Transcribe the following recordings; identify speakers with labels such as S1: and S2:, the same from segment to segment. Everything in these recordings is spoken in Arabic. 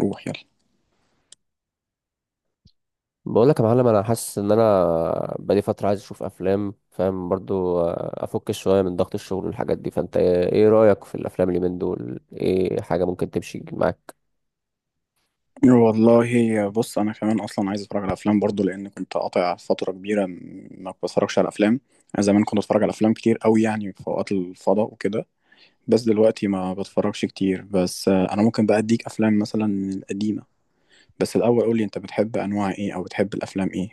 S1: روح يلا.
S2: بقول لك يا معلم، انا حاسس ان انا بقالي فتره عايز اشوف افلام، فاهم؟ برضو افك شويه من ضغط الشغل والحاجات دي. فانت إيه رايك في الافلام اللي من دول؟ ايه حاجه ممكن تمشي معاك؟
S1: والله بص، انا كمان اصلا عايز اتفرج على افلام برضو، لان كنت قاطع فتره كبيره ما بتفرجش على افلام. انا زمان كنت اتفرج على افلام كتير قوي، يعني في اوقات الفضاء وكده. بس دلوقتي ما بتفرجش كتير. بس انا ممكن بقى اديك افلام مثلا من القديمه. بس الاول قول لي، انت بتحب انواع ايه او بتحب الافلام ايه؟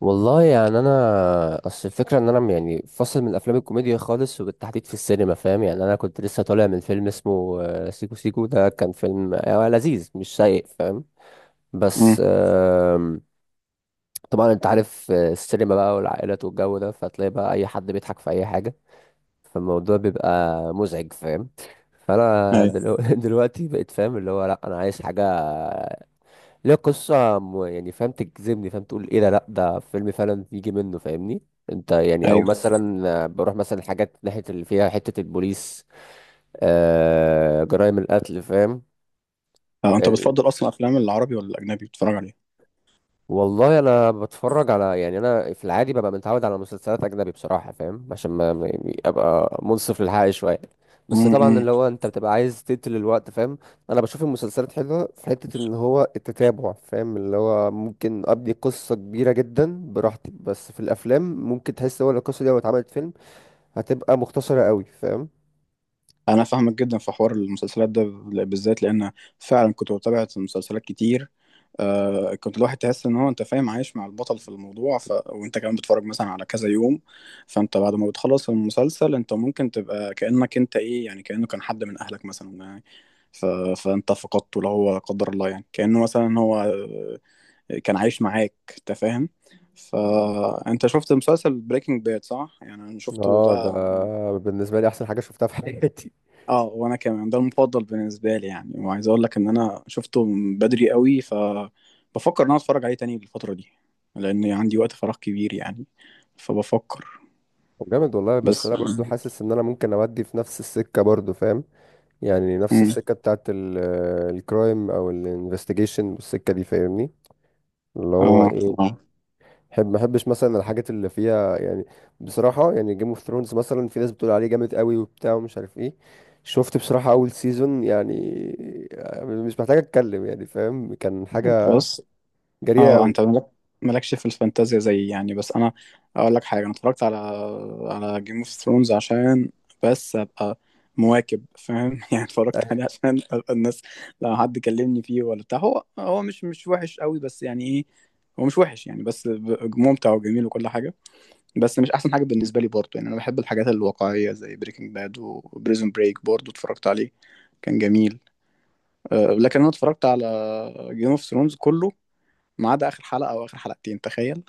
S2: والله يعني انا اصل الفكره ان انا يعني فاصل من الافلام الكوميديا خالص، وبالتحديد في السينما، فاهم؟ يعني انا كنت لسه طالع من فيلم اسمه سيكو سيكو. ده كان فيلم لذيذ، مش سيء، فاهم؟ بس
S1: امم.
S2: طبعا انت عارف السينما بقى والعائلات والجو ده، فتلاقي بقى اي حد بيضحك في اي حاجه، فالموضوع بيبقى مزعج، فاهم؟ فانا
S1: ايوه،
S2: دلوقتي بقيت فاهم اللي هو لا، انا عايز حاجه ليها قصه، يعني فاهم، تجذبني، فاهم؟ تقول ايه ده؟ لا، ده فيلم فعلا، يجي منه، فاهمني؟ انت يعني. او
S1: ايوه.
S2: مثلا بروح مثلا حاجات ناحيه اللي فيها حته البوليس، آه، جرائم القتل، فاهم؟
S1: انت بتفضل اصلا افلام العربي ولا الاجنبي بتتفرج
S2: والله انا بتفرج على، يعني انا في العادي ببقى متعود على مسلسلات اجنبي بصراحه، فاهم؟ عشان يعني ابقى منصف للحق شويه. بس طبعا
S1: عليه؟
S2: اللي هو انت بتبقى عايز تقتل الوقت، فاهم؟ انا بشوف المسلسلات حلوه في حته ان هو التتابع، فاهم؟ اللي هو ممكن ابني قصه كبيره جدا براحتي، بس في الافلام ممكن تحس هو لو القصه دي لو اتعملت فيلم هتبقى مختصره قوي، فاهم؟
S1: انا فاهمك جدا في حوار المسلسلات ده، بالذات لان فعلا كنت بتابع مسلسلات كتير. كنت الواحد تحس ان هو انت فاهم عايش مع البطل في الموضوع، وانت كمان بتتفرج مثلا على كذا يوم. فانت بعد ما بتخلص المسلسل، انت ممكن تبقى كأنك انت ايه، يعني كأنه كان حد من اهلك مثلا يعني. ف... فانت فقدته، لو هو لا قدر الله، يعني كأنه مثلا هو كان عايش معاك، انت فاهم. فانت شفت مسلسل بريكنج باد، صح؟ يعني انا شفته
S2: اه، ده
S1: ده.
S2: بالنسبه لي احسن حاجه شفتها في حياتي.
S1: اه، وانا كمان ده المفضل بالنسبه لي يعني، وعايز اقول لك ان انا شفته من بدري قوي، بفكر ان انا اتفرج عليه تاني الفتره دي، لان عندي وقت فراغ كبير يعني. فبفكر.
S2: طب جامد والله. بس
S1: بس
S2: انا برضو
S1: يعني،
S2: حاسس ان انا ممكن اودي في نفس السكه برضو، فاهم؟ يعني نفس
S1: مم.
S2: السكة بتاعت الكرايم او الانفستيجيشن والسكة دي، فاهمني؟ اللي هو
S1: اه،
S2: ايه،
S1: اه.
S2: بحب. ما بحبش مثلا الحاجات اللي فيها يعني، بصراحة يعني جيم اوف ثرونز مثلا، في ناس بتقول عليه جامد قوي وبتاع ومش عارف ايه. شفت بصراحة اول سيزون، يعني مش محتاج اتكلم، يعني فاهم كان حاجة
S1: بص.
S2: جريئة
S1: اه، انت
S2: قوي.
S1: ملك، مالكش في الفانتازيا زي يعني، بس انا اقول لك حاجه، انا اتفرجت على جيم اوف ثرونز عشان بس ابقى مواكب، فاهم؟ يعني اتفرجت عليه عشان ابقى الناس، لو حد كلمني فيه ولا بتاع، هو مش وحش قوي، بس يعني ايه، هو مش وحش يعني، بس ممتع وجميل وكل حاجه. بس مش احسن حاجه بالنسبه لي برضه، يعني انا بحب الحاجات الواقعيه زي بريكنج باد. وبريزون بريك برضه اتفرجت عليه، كان جميل. لكن انا اتفرجت على جيم اوف ثرونز كله، ما عدا اخر حلقه او اخر حلقتين، تخيل.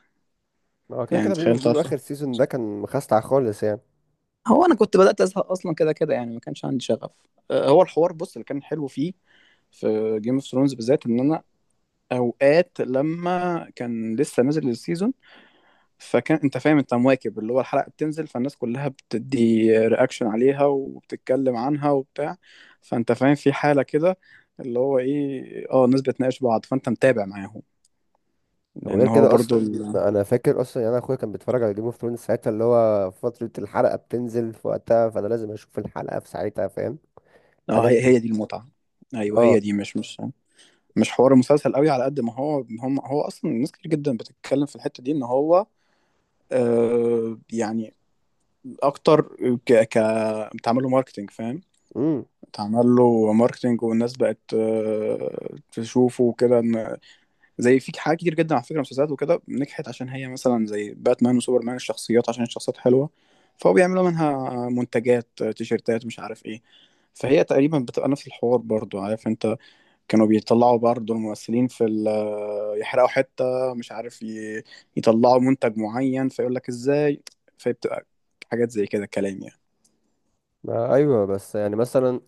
S2: هو كده
S1: يعني
S2: كده بيقولوا،
S1: تخيل
S2: اخر
S1: طفره.
S2: سيزون ده كان مخستع خالص يعني.
S1: هو انا كنت بدات ازهق اصلا كده كده، يعني ما كانش عندي شغف. هو الحوار، بص، اللي كان حلو فيه في جيم اوف ثرونز بالذات، ان انا اوقات لما كان لسه نازل السيزون، فكان انت فاهم، انت مواكب، اللي هو الحلقه بتنزل فالناس كلها بتدي رياكشن عليها وبتتكلم عنها وبتاع. فانت فاهم في حاله كده، اللي هو ايه، اه الناس بتناقش بعض فانت متابع معاهم،
S2: وغير
S1: لان هو
S2: كده
S1: برضو
S2: اصلا، انا فاكر اصلا يعني انا اخويا كان بيتفرج على جيم اوف ثرونز ساعتها، اللي هو فتره الحلقه بتنزل في وقتها، فانا لازم اشوف الحلقه في ساعتها، فاهم؟
S1: اه،
S2: الحاجات
S1: هي
S2: دي.
S1: هي دي المتعه. ايوه، هي
S2: اه.
S1: دي مش حوار المسلسل قوي، على قد ما هو هو اصلا، ناس كتير جدا بتتكلم في الحته دي ان هو، يعني اكتر. ك ك بتعمل له ماركتنج، فاهم؟
S2: امم.
S1: بتعمل له ماركتنج، والناس بقت تشوفه وكده، ان زي في حاجات كتير جدا على فكره، مسلسلات وكده نجحت عشان هي مثلا زي باتمان وسوبرمان، الشخصيات، عشان الشخصيات حلوه، فهو بيعملوا منها منتجات، تيشيرتات، مش عارف ايه. فهي تقريبا بتبقى نفس الحوار برضو، عارف انت، كانوا بيطلعوا برضه الممثلين في يحرقوا حتة، مش عارف يطلعوا منتج معين فيقول لك ازاي. فبتبقى حاجات زي كده كلام يعني.
S2: ما ايوه بس يعني مثلا،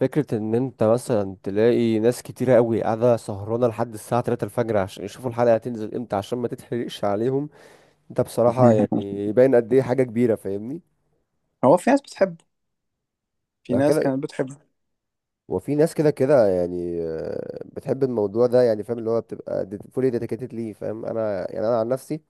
S2: فكره ان انت مثلا تلاقي ناس كتيره قوي قاعده سهرانه لحد الساعه 3 الفجر عشان يشوفوا الحلقه هتنزل امتى، عشان ما تتحرقش عليهم، ده بصراحه يعني يبين قد ايه حاجه كبيره، فاهمني؟
S1: هو في ناس بتحبه، في
S2: لو
S1: ناس
S2: كده.
S1: كانت بتحبه.
S2: وفي ناس كده كده يعني بتحب الموضوع ده يعني، فاهم؟ اللي هو بتبقى فولي ديديكيتد ليه، فاهم؟ انا يعني انا عن نفسي،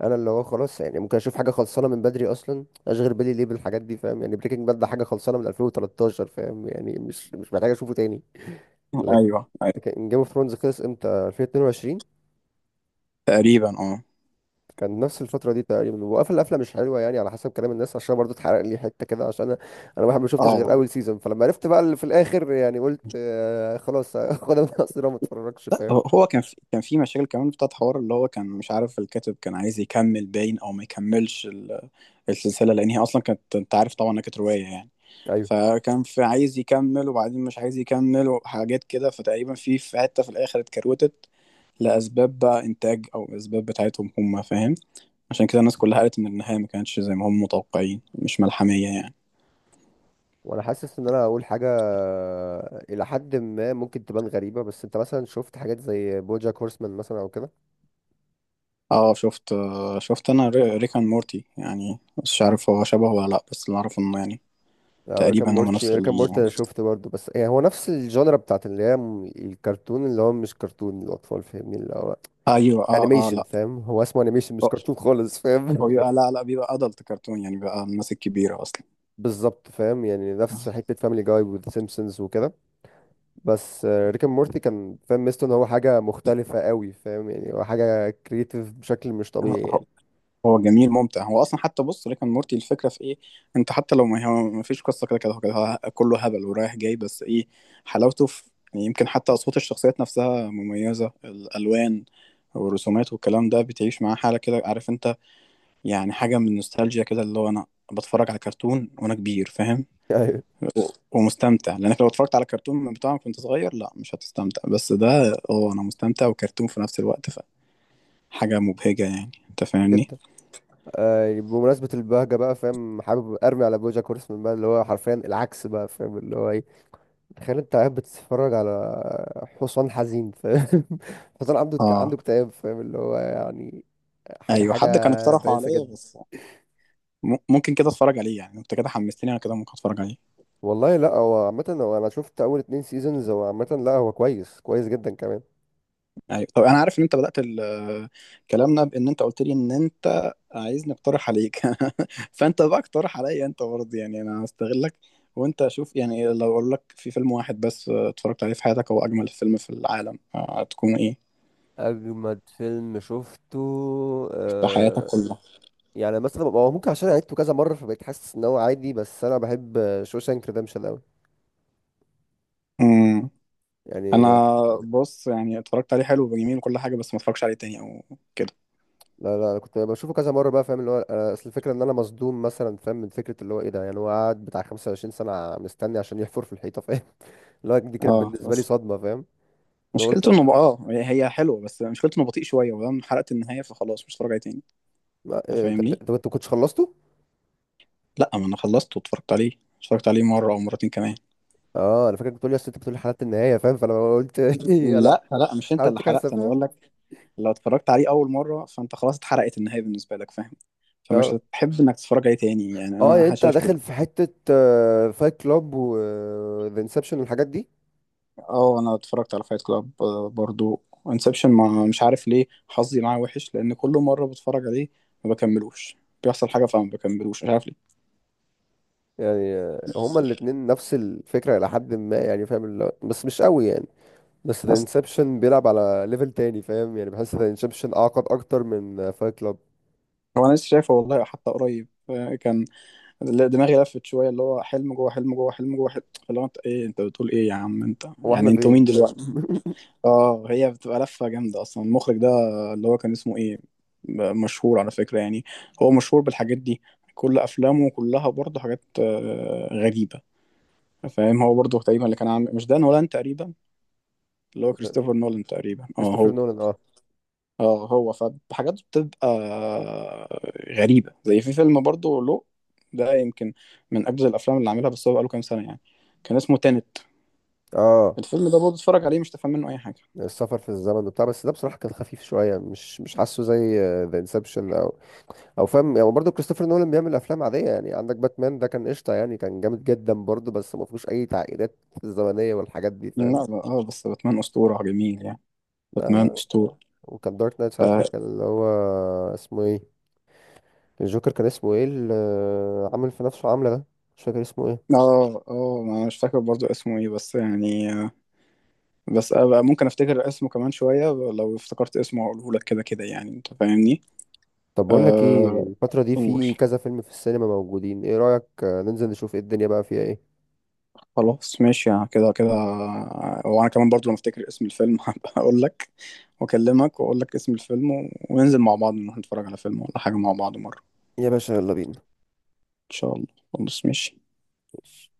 S2: انا اللي هو خلاص يعني ممكن اشوف حاجه خلصانه من بدري، اصلا اشغل بالي ليه بالحاجات دي؟ فاهم يعني؟ بريكنج باد ده حاجه خلصانه من 2013، فاهم يعني؟ مش محتاج اشوفه تاني.
S1: ايوه، ايوه،
S2: لكن جيم اوف ثرونز خلص امتى، 2022؟
S1: تقريبا اه.
S2: كان نفس الفترة دي تقريبا، وقفل قفلة مش حلوة يعني على حسب كلام الناس، عشان برضو اتحرق لي حتة كده، عشان انا واحد ما شفتش غير
S1: اه،
S2: اول سيزون، فلما عرفت بقى اللي في الاخر، يعني قلت آه خلاص، خدها من قصيرة، ما اتفرجش،
S1: لا هو
S2: فاهم؟
S1: هو كان في مشاكل كمان بتاعت حوار، اللي هو كان مش عارف الكاتب كان عايز يكمل باين او ما يكملش السلسله، لان هي اصلا كانت، انت عارف طبعا انها كانت روايه يعني،
S2: ايوه.
S1: فكان في عايز يكمل وبعدين مش عايز يكمل وحاجات كده، فتقريبا في حته في الاخر اتكروتت لاسباب بقى انتاج او اسباب بتاعتهم هم، فاهم؟ عشان كده الناس كلها قالت ان النهايه ما كانتش زي ما هم متوقعين، مش ملحميه يعني.
S2: وانا حاسس ان انا هقول حاجة الى حد ما ممكن تبان غريبة، بس انت مثلا شفت حاجات زي بوجاك هورسمان مثلا او كده؟
S1: اه شفت. شفت انا ريكان مورتي، يعني مش عارف هو شبهه ولا لا، بس اللي اعرفه انه يعني
S2: او ريكان
S1: تقريبا هما نفس
S2: مورتي. ريكان مورتي انا شفت برضو، بس يعني هو نفس الجانرا بتاعت اللي هي، الكرتون اللي هو مش كرتون الاطفال، فاهمني؟ اللي هو
S1: أيوه، آه، آه،
S2: انيميشن،
S1: لأ.
S2: فاهم؟ هو اسمه انيميشن مش
S1: هو
S2: كرتون خالص،
S1: هو
S2: فاهم؟
S1: بيبقى، لأ، لأ، بيبقى أدلت كرتون يعني، بيبقى الناس الكبيرة أصلًا.
S2: بالظبط فاهم، يعني نفس حته فاميلي جاي والسيمبسونز وكده. بس ريك اند مورتي كان فاهم ميزته ان هو حاجه مختلفه قوي، فاهم؟ يعني هو حاجه كريتيف بشكل مش
S1: هو
S2: طبيعي
S1: هو
S2: يعني.
S1: هو جميل ممتع. هو أصلًا حتى بُص، ريك أند مورتي الفكرة في إيه؟ أنت حتى لو ما هو ما فيش قصة كده كده، هو كده كله هبل ورايح جاي، بس إيه، حلاوته في، يعني، يمكن حتى أصوات الشخصيات نفسها مميزة، الألوان والرسومات والكلام ده، بتعيش معاه حالة كده، عارف أنت، يعني حاجة من النوستالجيا كده، اللي هو أنا باتفرج على كرتون وأنا كبير، فاهم؟
S2: ايوه
S1: و- ومستمتع، لانك لو اتفرجت على كرتون بتاعك كنت صغير، لا مش هتستمتع، بس ده اه انا مستمتع وكرتون في نفس الوقت، فحاجة مبهجة، يعني انت فاهمني.
S2: جدا. آه يعني بمناسبه البهجه بقى، فاهم؟ حابب ارمي على بوجاك هورسمان بقى، اللي هو حرفيا العكس بقى، فاهم؟ اللي هو ايه، تخيل انت قاعد بتتفرج على حصان حزين، فاهم؟ حصان عنده
S1: اه.
S2: اكتئاب، فاهم؟ اللي هو يعني حاجه،
S1: ايوه، حد كان اقترحه
S2: بائسه
S1: عليا،
S2: جدا.
S1: بس ممكن كده اتفرج عليه، يعني انت كده حمستني، انا كده ممكن اتفرج عليه.
S2: والله لا، هو عامة هو أنا شفت أول اتنين سيزونز، هو عامة لا، هو كويس، كويس جدا كمان.
S1: ايوه، طب انا عارف ان انت بدأت كلامنا بان انت قلت لي ان انت عايزني اقترح عليك. فانت بقى اقترح عليا انت برضه، يعني انا هستغلك، وانت اشوف. يعني لو اقول لك في فيلم واحد بس اتفرجت عليه في حياتك هو اجمل فيلم في العالم، هتكون ايه؟
S2: اجمد فيلم شفته،
S1: في حياتك
S2: آه
S1: كلها.
S2: يعني مثلا هو ممكن، عشان عدته كذا مره فبقيت حاسس ان هو عادي، بس انا بحب شوشانك ريدمشن قوي
S1: امم انا،
S2: يعني.
S1: بص، يعني اتفرجت عليه حلو وجميل وكل حاجه، بس ما اتفرجش عليه تاني او كده.
S2: لا لا، انا كنت بشوفه كذا مره بقى، فاهم؟ اللي هو أنا اصل الفكره ان انا مصدوم مثلا، فاهم؟ من فكره اللي هو ايه ده، يعني هو قعد بتاع 25 سنه مستني عشان يحفر في الحيطه، فاهم؟ اللي هو دي كانت
S1: اه،
S2: بالنسبه لي
S1: بس
S2: صدمه، فاهم؟ اللي هو
S1: مشكلته
S2: قلت،
S1: انه بقى، هي حلوه، بس مشكلته انه بطيء شويه، ولما حرقت النهايه فخلاص مش هتفرج عليه تاني.
S2: ما-
S1: أنت
S2: إيه، انت انت
S1: فاهمني،
S2: أنت ما كنتش خلصته.
S1: لا ما انا خلصت واتفرجت عليه. اتفرجت عليه مره او مرتين كمان.
S2: اه انا فاكرك بتقول لي، اصل انت بتقول لي حلقه النهايه، فاهم؟ فانا قلت انا
S1: لا، لا، مش انت اللي
S2: عملت كارثه،
S1: حرقت، انا
S2: فاهم؟
S1: بقول لك، لو اتفرجت عليه اول مره فانت خلاص اتحرقت النهايه بالنسبه لك، فاهم؟ فمش
S2: اه.
S1: هتحب انك تتفرج عليه تاني، يعني
S2: اه يعني
S1: انا
S2: انت
S1: شايف كده.
S2: داخل في حته فايت كلاب وذا انسبشن والحاجات دي.
S1: اه، انا اتفرجت على فايت كلاب برضو. انسبشن ما مش عارف ليه حظي معاه وحش، لان كل مره بتفرج عليه ما بكملوش، بيحصل حاجه فما بكملوش، مش عارف ليه.
S2: يعني هما الاتنين نفس الفكره الى حد ما، يعني فاهم اللي هو، بس مش قوي يعني. بس ذا
S1: بس
S2: انسبشن بيلعب على ليفل تاني، فاهم؟ يعني بحس ذا انسبشن اعقد اكتر من فايت كلاب.
S1: هو انا لسه شايفه والله، حتى قريب كان دماغي لفت شويه، اللي هو حلم جوه حلم جوه حلم جوه حلم، اللي هو انت ايه؟ انت بتقول ايه يا عم انت؟
S2: هو احنا
S1: يعني انتوا
S2: فين،
S1: مين
S2: فاهم؟
S1: دلوقتي؟ اه، هي بتبقى لفه جامده اصلا، المخرج ده اللي هو كان اسمه ايه، مشهور على فكره يعني، هو مشهور بالحاجات دي، كل افلامه كلها برضه حاجات غريبه، فاهم؟ هو برضه تقريبا اللي كان عامل، مش دان هولاند تقريبا، اللي هو كريستوفر نولان تقريبا، اه
S2: كريستوفر
S1: هو،
S2: نولان، اه.
S1: اه هو. فحاجات بتبقى غريبة، زي في فيلم برضه له، ده يمكن من أجدد الأفلام اللي عاملها، بس هو بقاله كام سنة يعني، كان اسمه تينت.
S2: اه،
S1: الفيلم ده برضه اتفرج عليه مش تفهم منه أي حاجة.
S2: السفر في الزمن وبتاع، بس ده بصراحه كان خفيف شويه، مش حاسه زي ذا انسبشن، او فاهم يعني؟ برضه كريستوفر نولان بيعمل افلام عاديه، يعني عندك باتمان ده كان قشطه يعني، كان جامد جدا برضه، بس ما فيهوش اي تعقيدات الزمنيه والحاجات دي،
S1: لا،
S2: فاهم؟
S1: لا، اه، بس باتمان أسطورة، جميل يعني، باتمان
S2: لا.
S1: أسطورة.
S2: وكان دارك نايت
S1: ف...
S2: ساعتها، كان اللي هو اسمه ايه، الجوكر، كان اسمه ايه اللي عامل في نفسه عامله ده؟ مش فاكر اسمه ايه.
S1: اه، اه، ما أنا مش فاكر برضه اسمه ايه، بس يعني بس أبقى ممكن افتكر اسمه كمان شوية، لو افتكرت اسمه هقوله لك، كده كده يعني، انت فاهمني.
S2: طب بقول لك ايه،
S1: آه،
S2: الفتره دي
S1: قول.
S2: في كذا فيلم في السينما موجودين، ايه رايك ننزل نشوف ايه الدنيا بقى فيها ايه؟
S1: خلاص ماشي، يعني كده كده. وانا كمان برضو لما افتكر اسم الفيلم هبقى اقول لك واكلمك واقول لك اسم الفيلم، وننزل مع بعض نروح نتفرج على فيلم ولا حاجة مع بعض مرة.
S2: يا باشا يلا بينا.
S1: ان شاء الله. خلاص ماشي.
S2: ماشي.